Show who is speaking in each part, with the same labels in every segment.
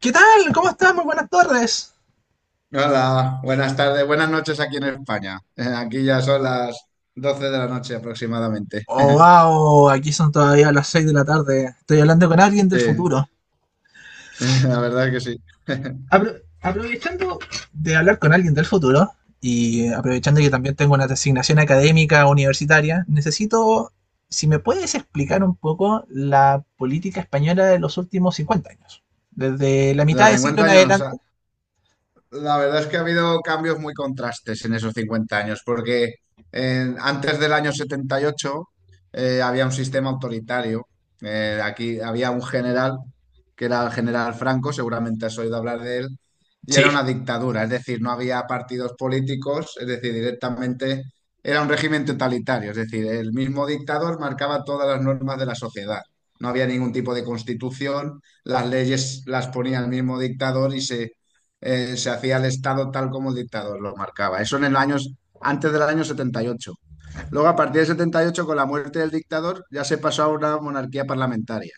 Speaker 1: ¿Qué tal? ¿Cómo estás? Muy buenas tardes.
Speaker 2: Hola, buenas tardes, buenas noches aquí en España. Aquí ya son las 12 de la noche aproximadamente.
Speaker 1: Oh, wow, aquí son todavía las 6 de la tarde. Estoy hablando con alguien del
Speaker 2: Sí,
Speaker 1: futuro.
Speaker 2: la verdad es que sí.
Speaker 1: Aprovechando de hablar con alguien del futuro y aprovechando que también tengo una designación académica universitaria, necesito, si me puedes explicar un poco la política española de los últimos 50 años. Desde la mitad
Speaker 2: Los
Speaker 1: del siglo
Speaker 2: cincuenta
Speaker 1: en
Speaker 2: años,
Speaker 1: adelante.
Speaker 2: La verdad es que ha habido cambios muy contrastes en esos 50 años, porque antes del año 78 había un sistema autoritario. Aquí había un general, que era el general Franco, seguramente has oído hablar de él, y era
Speaker 1: Sí,
Speaker 2: una dictadura, es decir, no había partidos políticos, es decir, directamente era un régimen totalitario, es decir, el mismo dictador marcaba todas las normas de la sociedad. No había ningún tipo de constitución, las leyes las ponía el mismo dictador y se hacía el Estado tal como el dictador lo marcaba. Eso en el años, antes del año 78. Luego, a partir del 78 con la muerte del dictador, ya se pasó a una monarquía parlamentaria.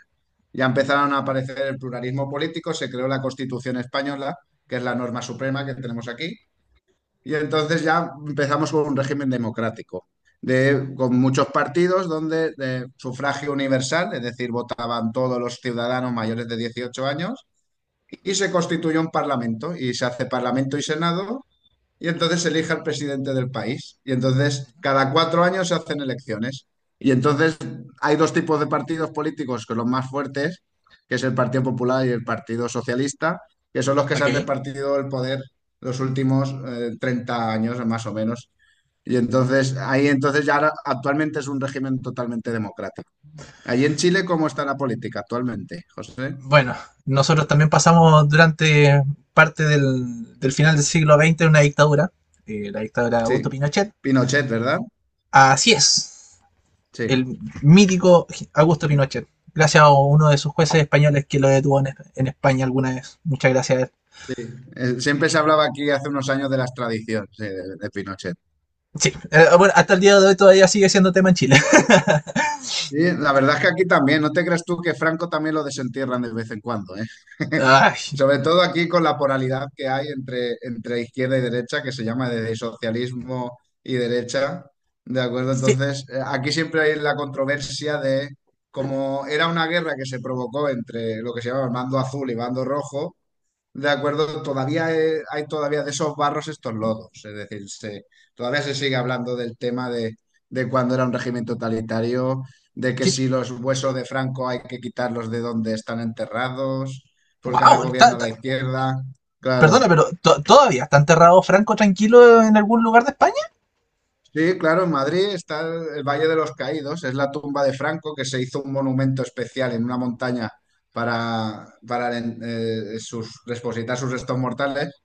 Speaker 2: Ya empezaron a aparecer el pluralismo político, se creó la Constitución española, que es la norma suprema que tenemos aquí, y entonces ya empezamos con un régimen democrático, de, con muchos partidos donde de sufragio universal, es decir, votaban todos los ciudadanos mayores de 18 años, y se constituye un parlamento y se hace parlamento y senado y entonces se elige al presidente del país y entonces cada 4 años se hacen elecciones y entonces hay dos tipos de partidos políticos que son los más fuertes, que es el Partido Popular y el Partido Socialista, que son los que se han
Speaker 1: ok.
Speaker 2: repartido el poder los últimos 30 años más o menos. Y entonces ahí entonces ya actualmente es un régimen totalmente democrático. Allí en Chile, ¿cómo está la política actualmente, José?
Speaker 1: Bueno, nosotros también pasamos durante parte del final del siglo XX una dictadura, la dictadura de Augusto
Speaker 2: Sí,
Speaker 1: Pinochet.
Speaker 2: Pinochet, ¿verdad?
Speaker 1: Así es,
Speaker 2: Sí,
Speaker 1: el mítico Augusto Pinochet, gracias a uno de sus jueces españoles que lo detuvo en España alguna vez. Muchas gracias a él.
Speaker 2: sí. Siempre se hablaba aquí hace unos años de las tradiciones de Pinochet.
Speaker 1: Sí, bueno, hasta el día de hoy todavía sigue siendo tema en Chile.
Speaker 2: Sí, la verdad es que aquí también, no te creas tú que Franco también lo desentierran de vez en cuando, ¿eh?
Speaker 1: Ay,
Speaker 2: Sobre todo aquí con la polaridad que hay entre izquierda y derecha, que se llama de socialismo y derecha, ¿de acuerdo?
Speaker 1: sí,
Speaker 2: Entonces, aquí siempre hay la controversia de cómo era una guerra que se provocó entre lo que se llama el bando azul y bando rojo. De acuerdo, todavía hay todavía de esos barros estos lodos, es decir, todavía se sigue hablando del tema de cuando era un régimen totalitario, de que
Speaker 1: qué-
Speaker 2: si los huesos de Franco hay que quitarlos de donde están enterrados, porque ahora
Speaker 1: wow,
Speaker 2: gobierna la izquierda.
Speaker 1: perdona,
Speaker 2: Claro,
Speaker 1: pero todavía está enterrado Franco tranquilo en algún lugar de España.
Speaker 2: sí, claro, en Madrid está el Valle de los Caídos, es la tumba de Franco, que se hizo un monumento especial en una montaña para depositar sus restos mortales.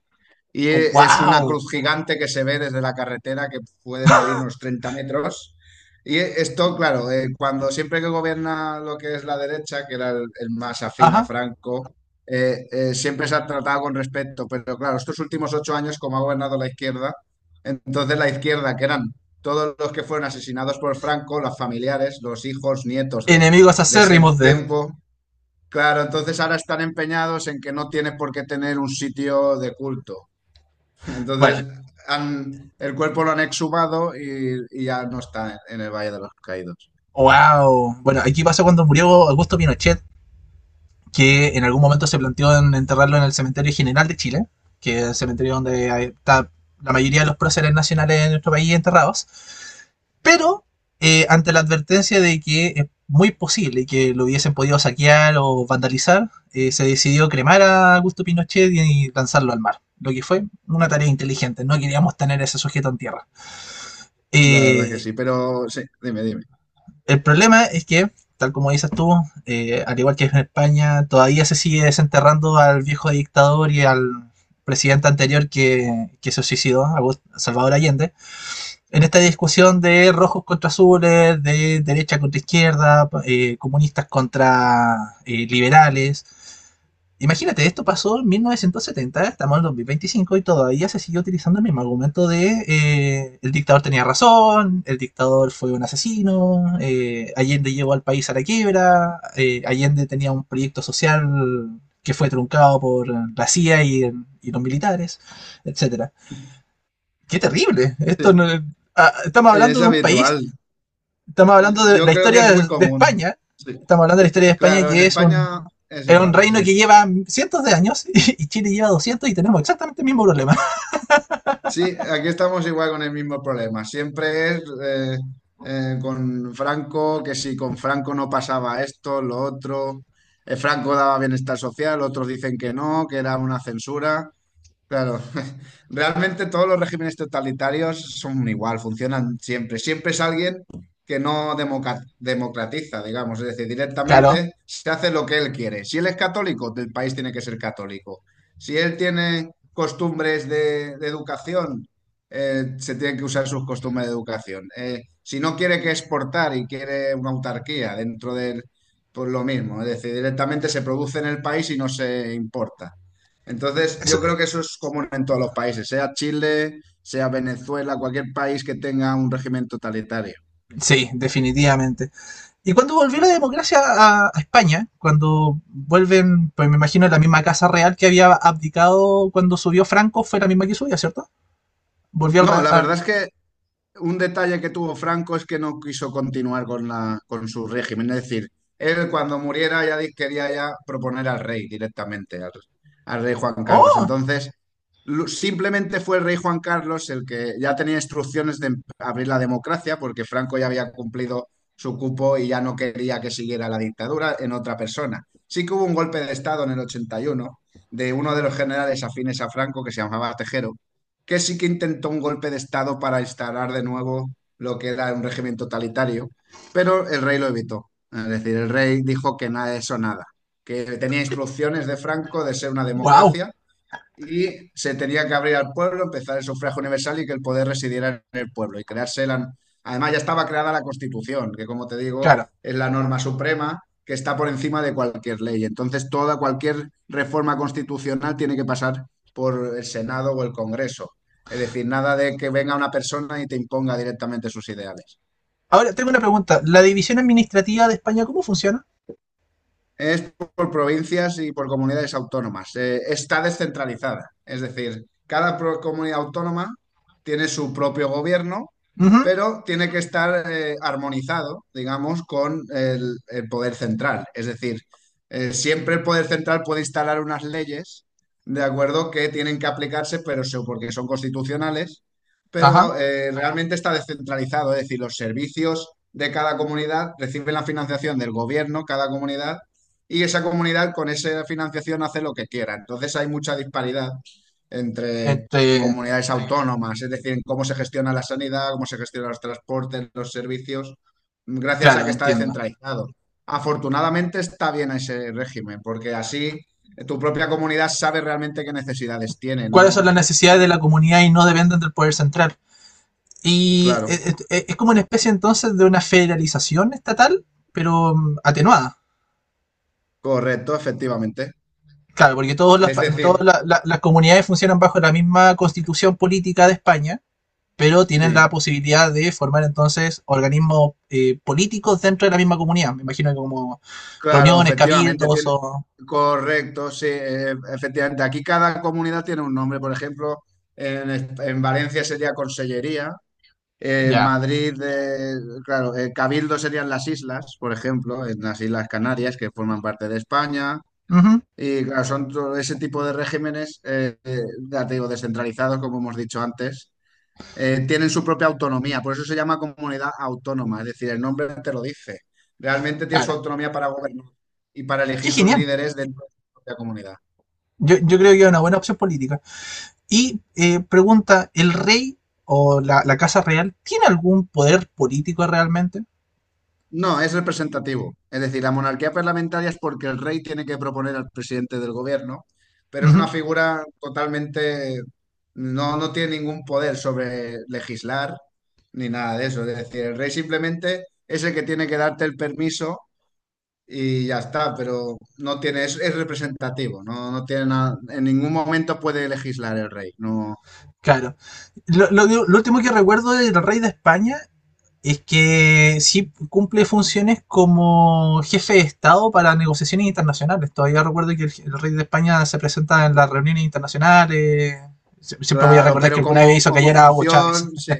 Speaker 2: Y es una
Speaker 1: Wow,
Speaker 2: cruz gigante que se ve desde la carretera que puede medir unos 30 metros. Y esto, claro, cuando siempre que gobierna lo que es la derecha, que era el más afín a
Speaker 1: ajá,
Speaker 2: Franco, siempre se ha tratado con respeto. Pero claro, estos últimos 8 años, como ha gobernado la izquierda, entonces la izquierda, que eran todos los que fueron asesinados por Franco, los familiares, los hijos, nietos de,
Speaker 1: enemigos
Speaker 2: de ese
Speaker 1: acérrimos de.
Speaker 2: tiempo, claro, entonces ahora están empeñados en que no tiene por qué tener un sitio de culto. Entonces,
Speaker 1: Bueno,
Speaker 2: el cuerpo lo han exhumado y ya no está en el Valle de los Caídos.
Speaker 1: wow. Bueno, aquí pasó cuando murió Augusto Pinochet, que en algún momento se planteó en enterrarlo en el Cementerio General de Chile, que es el cementerio donde está la mayoría de los próceres nacionales de nuestro país enterrados. Pero ante la advertencia de que es muy posible que lo hubiesen podido saquear o vandalizar, se decidió cremar a Augusto Pinochet y lanzarlo al mar. Lo que fue una tarea inteligente, no queríamos tener a ese sujeto en tierra.
Speaker 2: La verdad que
Speaker 1: Eh,
Speaker 2: sí, pero sí, dime, dime.
Speaker 1: El problema es que, tal como dices tú, al igual que en España, todavía se sigue desenterrando al viejo dictador y al presidente anterior que se suicidó, Salvador Allende, en esta discusión de rojos contra azules, de derecha contra izquierda, comunistas contra liberales. Imagínate, esto pasó en 1970, estamos en 2025 y todavía se sigue utilizando el mismo argumento de el dictador tenía razón, el dictador fue un asesino, Allende llevó al país a la quiebra, Allende tenía un proyecto social que fue truncado por la CIA y los militares, etcétera. ¡Qué terrible! Esto no,
Speaker 2: Sí,
Speaker 1: ah, estamos hablando
Speaker 2: es
Speaker 1: de un país,
Speaker 2: habitual.
Speaker 1: estamos hablando de
Speaker 2: Yo
Speaker 1: la
Speaker 2: creo que es
Speaker 1: historia
Speaker 2: muy
Speaker 1: de
Speaker 2: común.
Speaker 1: España.
Speaker 2: Sí.
Speaker 1: Estamos hablando de la historia de España,
Speaker 2: Claro, en España es
Speaker 1: es un
Speaker 2: igual,
Speaker 1: reino
Speaker 2: sí.
Speaker 1: que lleva cientos de años y Chile lleva 200 y tenemos exactamente el mismo problema.
Speaker 2: Sí, aquí estamos igual con el mismo problema. Siempre es con Franco, que si con Franco no pasaba esto, lo otro. Franco daba bienestar social, otros dicen que no, que era una censura. Claro, realmente todos los regímenes totalitarios son igual, funcionan siempre. Siempre es alguien que no democratiza, digamos, es decir,
Speaker 1: Claro,
Speaker 2: directamente se hace lo que él quiere. Si él es católico, el país tiene que ser católico. Si él tiene costumbres de educación, se tienen que usar sus costumbres de educación. Si no quiere que exportar y quiere una autarquía dentro del, pues lo mismo, es decir, directamente se produce en el país y no se importa. Entonces,
Speaker 1: eso,
Speaker 2: yo creo que eso es común en todos los países, sea Chile, sea Venezuela, cualquier país que tenga un régimen totalitario.
Speaker 1: sí, definitivamente. Y cuando volvió la democracia a, España, cuando vuelven, pues me imagino la misma casa real que había abdicado cuando subió Franco, fue la misma que subió, ¿cierto? Volvió al. Re
Speaker 2: No, la
Speaker 1: a,
Speaker 2: verdad es que un detalle que tuvo Franco es que no quiso continuar con la, con su régimen. Es decir, él cuando muriera ya quería ya proponer al rey directamente, al rey Juan Carlos.
Speaker 1: ¡oh!
Speaker 2: Entonces, simplemente fue el rey Juan Carlos el que ya tenía instrucciones de abrir la democracia, porque Franco ya había cumplido su cupo y ya no quería que siguiera la dictadura en otra persona. Sí que hubo un golpe de Estado en el 81 de uno de los generales afines a Franco que se llamaba Tejero que sí que intentó un golpe de Estado para instalar de nuevo lo que era un régimen totalitario, pero el rey lo evitó. Es decir, el rey dijo que nada de eso, nada, que tenía instrucciones de Franco de ser una
Speaker 1: ¡Wow!
Speaker 2: democracia y se tenía que abrir al pueblo, empezar el sufragio universal y que el poder residiera en el pueblo y crearse la. Además ya estaba creada la Constitución, que como te digo,
Speaker 1: Claro.
Speaker 2: es la norma suprema que está por encima de cualquier ley. Entonces toda cualquier reforma constitucional tiene que pasar por el Senado o el Congreso. Es decir, nada de que venga una persona y te imponga directamente sus ideales.
Speaker 1: Ahora tengo una pregunta. ¿La división administrativa de España cómo funciona?
Speaker 2: Es por provincias y por comunidades autónomas. Está descentralizada. Es decir, cada comunidad autónoma tiene su propio gobierno,
Speaker 1: Uh -huh.
Speaker 2: pero tiene que estar armonizado, digamos, con el poder central. Es decir, siempre el poder central puede instalar unas leyes, de acuerdo, que tienen que aplicarse, pero porque son constitucionales,
Speaker 1: Ajá.
Speaker 2: pero realmente está descentralizado. Es decir, los servicios de cada comunidad reciben la financiación del gobierno, cada comunidad y esa comunidad con esa financiación hace lo que quiera. Entonces hay mucha disparidad entre
Speaker 1: Entre,
Speaker 2: comunidades autónomas, es decir, en cómo se gestiona la sanidad, cómo se gestionan los transportes, los servicios, gracias a
Speaker 1: claro,
Speaker 2: que está
Speaker 1: entiendo.
Speaker 2: descentralizado. Afortunadamente está bien ese régimen, porque así tu propia comunidad sabe realmente qué necesidades tiene,
Speaker 1: ¿Cuáles son las
Speaker 2: ¿no?
Speaker 1: necesidades de la comunidad y no dependen del poder central? Y
Speaker 2: Claro,
Speaker 1: es como una especie entonces de una federalización estatal, pero atenuada.
Speaker 2: correcto, efectivamente.
Speaker 1: Claro, porque todas
Speaker 2: Es claro,
Speaker 1: todas
Speaker 2: decir,
Speaker 1: las comunidades funcionan bajo la misma constitución política de España, pero tienen la
Speaker 2: sí,
Speaker 1: posibilidad de formar entonces organismos políticos dentro de la misma comunidad. Me imagino que como
Speaker 2: claro,
Speaker 1: reuniones,
Speaker 2: efectivamente,
Speaker 1: cabildos
Speaker 2: tiene,
Speaker 1: o...
Speaker 2: correcto, sí, efectivamente. Aquí cada comunidad tiene un nombre, por ejemplo, en Valencia sería Consellería, en
Speaker 1: Ya.
Speaker 2: Madrid, claro, Cabildo serían las islas, por ejemplo, en las Islas Canarias, que forman parte de España,
Speaker 1: Ujú.
Speaker 2: y claro, son todo ese tipo de regímenes, ya te digo, descentralizados, como hemos dicho antes tienen su propia autonomía, por eso se llama comunidad autónoma, es decir, el nombre te lo dice. Realmente tiene su
Speaker 1: Claro.
Speaker 2: autonomía para gobernar y para
Speaker 1: Qué
Speaker 2: elegir sus
Speaker 1: genial.
Speaker 2: líderes dentro de su propia comunidad.
Speaker 1: Yo creo que es una buena opción política. Y pregunta, ¿el rey o casa real tiene algún poder político realmente?
Speaker 2: No, es representativo. Es decir, la monarquía parlamentaria es porque el rey tiene que proponer al presidente del gobierno, pero
Speaker 1: Uh
Speaker 2: es una
Speaker 1: -huh,
Speaker 2: figura totalmente, no, no tiene ningún poder sobre legislar ni nada de eso. Es decir, el rey simplemente es el que tiene que darte el permiso y ya está, pero no tiene, es representativo, no, no tiene nada, en ningún momento puede legislar el rey, no,
Speaker 1: claro. Último que recuerdo del rey de España es que sí cumple funciones como jefe de Estado para negociaciones internacionales. Todavía recuerdo que el rey de España se presenta en las reuniones internacionales. Siempre voy a
Speaker 2: claro,
Speaker 1: recordar que
Speaker 2: pero
Speaker 1: alguna vez
Speaker 2: como,
Speaker 1: hizo
Speaker 2: como
Speaker 1: callar a Hugo Chávez.
Speaker 2: función, sí.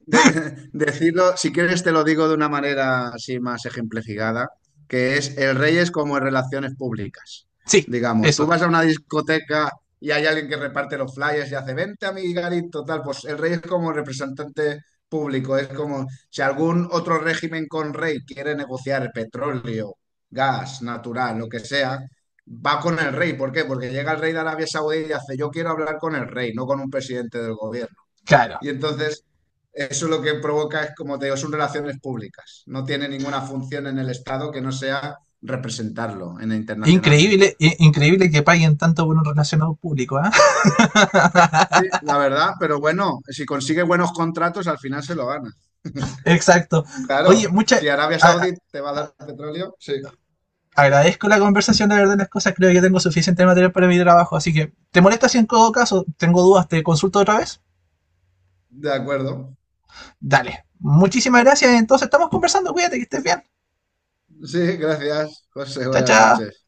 Speaker 2: Decirlo, si quieres te lo digo de una manera así más ejemplificada, que es el rey es como en relaciones públicas.
Speaker 1: Sí,
Speaker 2: Digamos, tú
Speaker 1: eso.
Speaker 2: vas a una discoteca y hay alguien que reparte los flyers y hace, vente amiguito, tal, pues el rey es como representante público, es como si algún otro régimen con rey quiere negociar petróleo, gas, natural, lo que sea, va con el rey. ¿Por qué? Porque llega el rey de Arabia Saudí y hace, yo quiero hablar con el rey, no con un presidente del gobierno.
Speaker 1: Claro.
Speaker 2: Y entonces, eso lo que provoca es, como te digo, son relaciones públicas. No tiene ninguna función en el Estado que no sea representarlo internacionalmente.
Speaker 1: Increíble, increíble que paguen tanto por un relacionado público, ¿eh?
Speaker 2: Sí, la verdad, pero bueno, si consigue buenos contratos, al final se lo gana.
Speaker 1: Exacto. Oye,
Speaker 2: Claro,
Speaker 1: mucha,
Speaker 2: si Arabia
Speaker 1: a- a-
Speaker 2: Saudí te va a dar petróleo, sí,
Speaker 1: agradezco la conversación, la verdad, de las cosas. Creo que tengo suficiente material para mi trabajo. Así que, ¿te molesta si en todo caso tengo dudas? ¿Te consulto otra vez?
Speaker 2: de acuerdo.
Speaker 1: Dale. Muchísimas gracias. Entonces, estamos conversando. Cuídate, que estés bien.
Speaker 2: Sí, gracias, José,
Speaker 1: Chao,
Speaker 2: buenas
Speaker 1: chao.
Speaker 2: noches.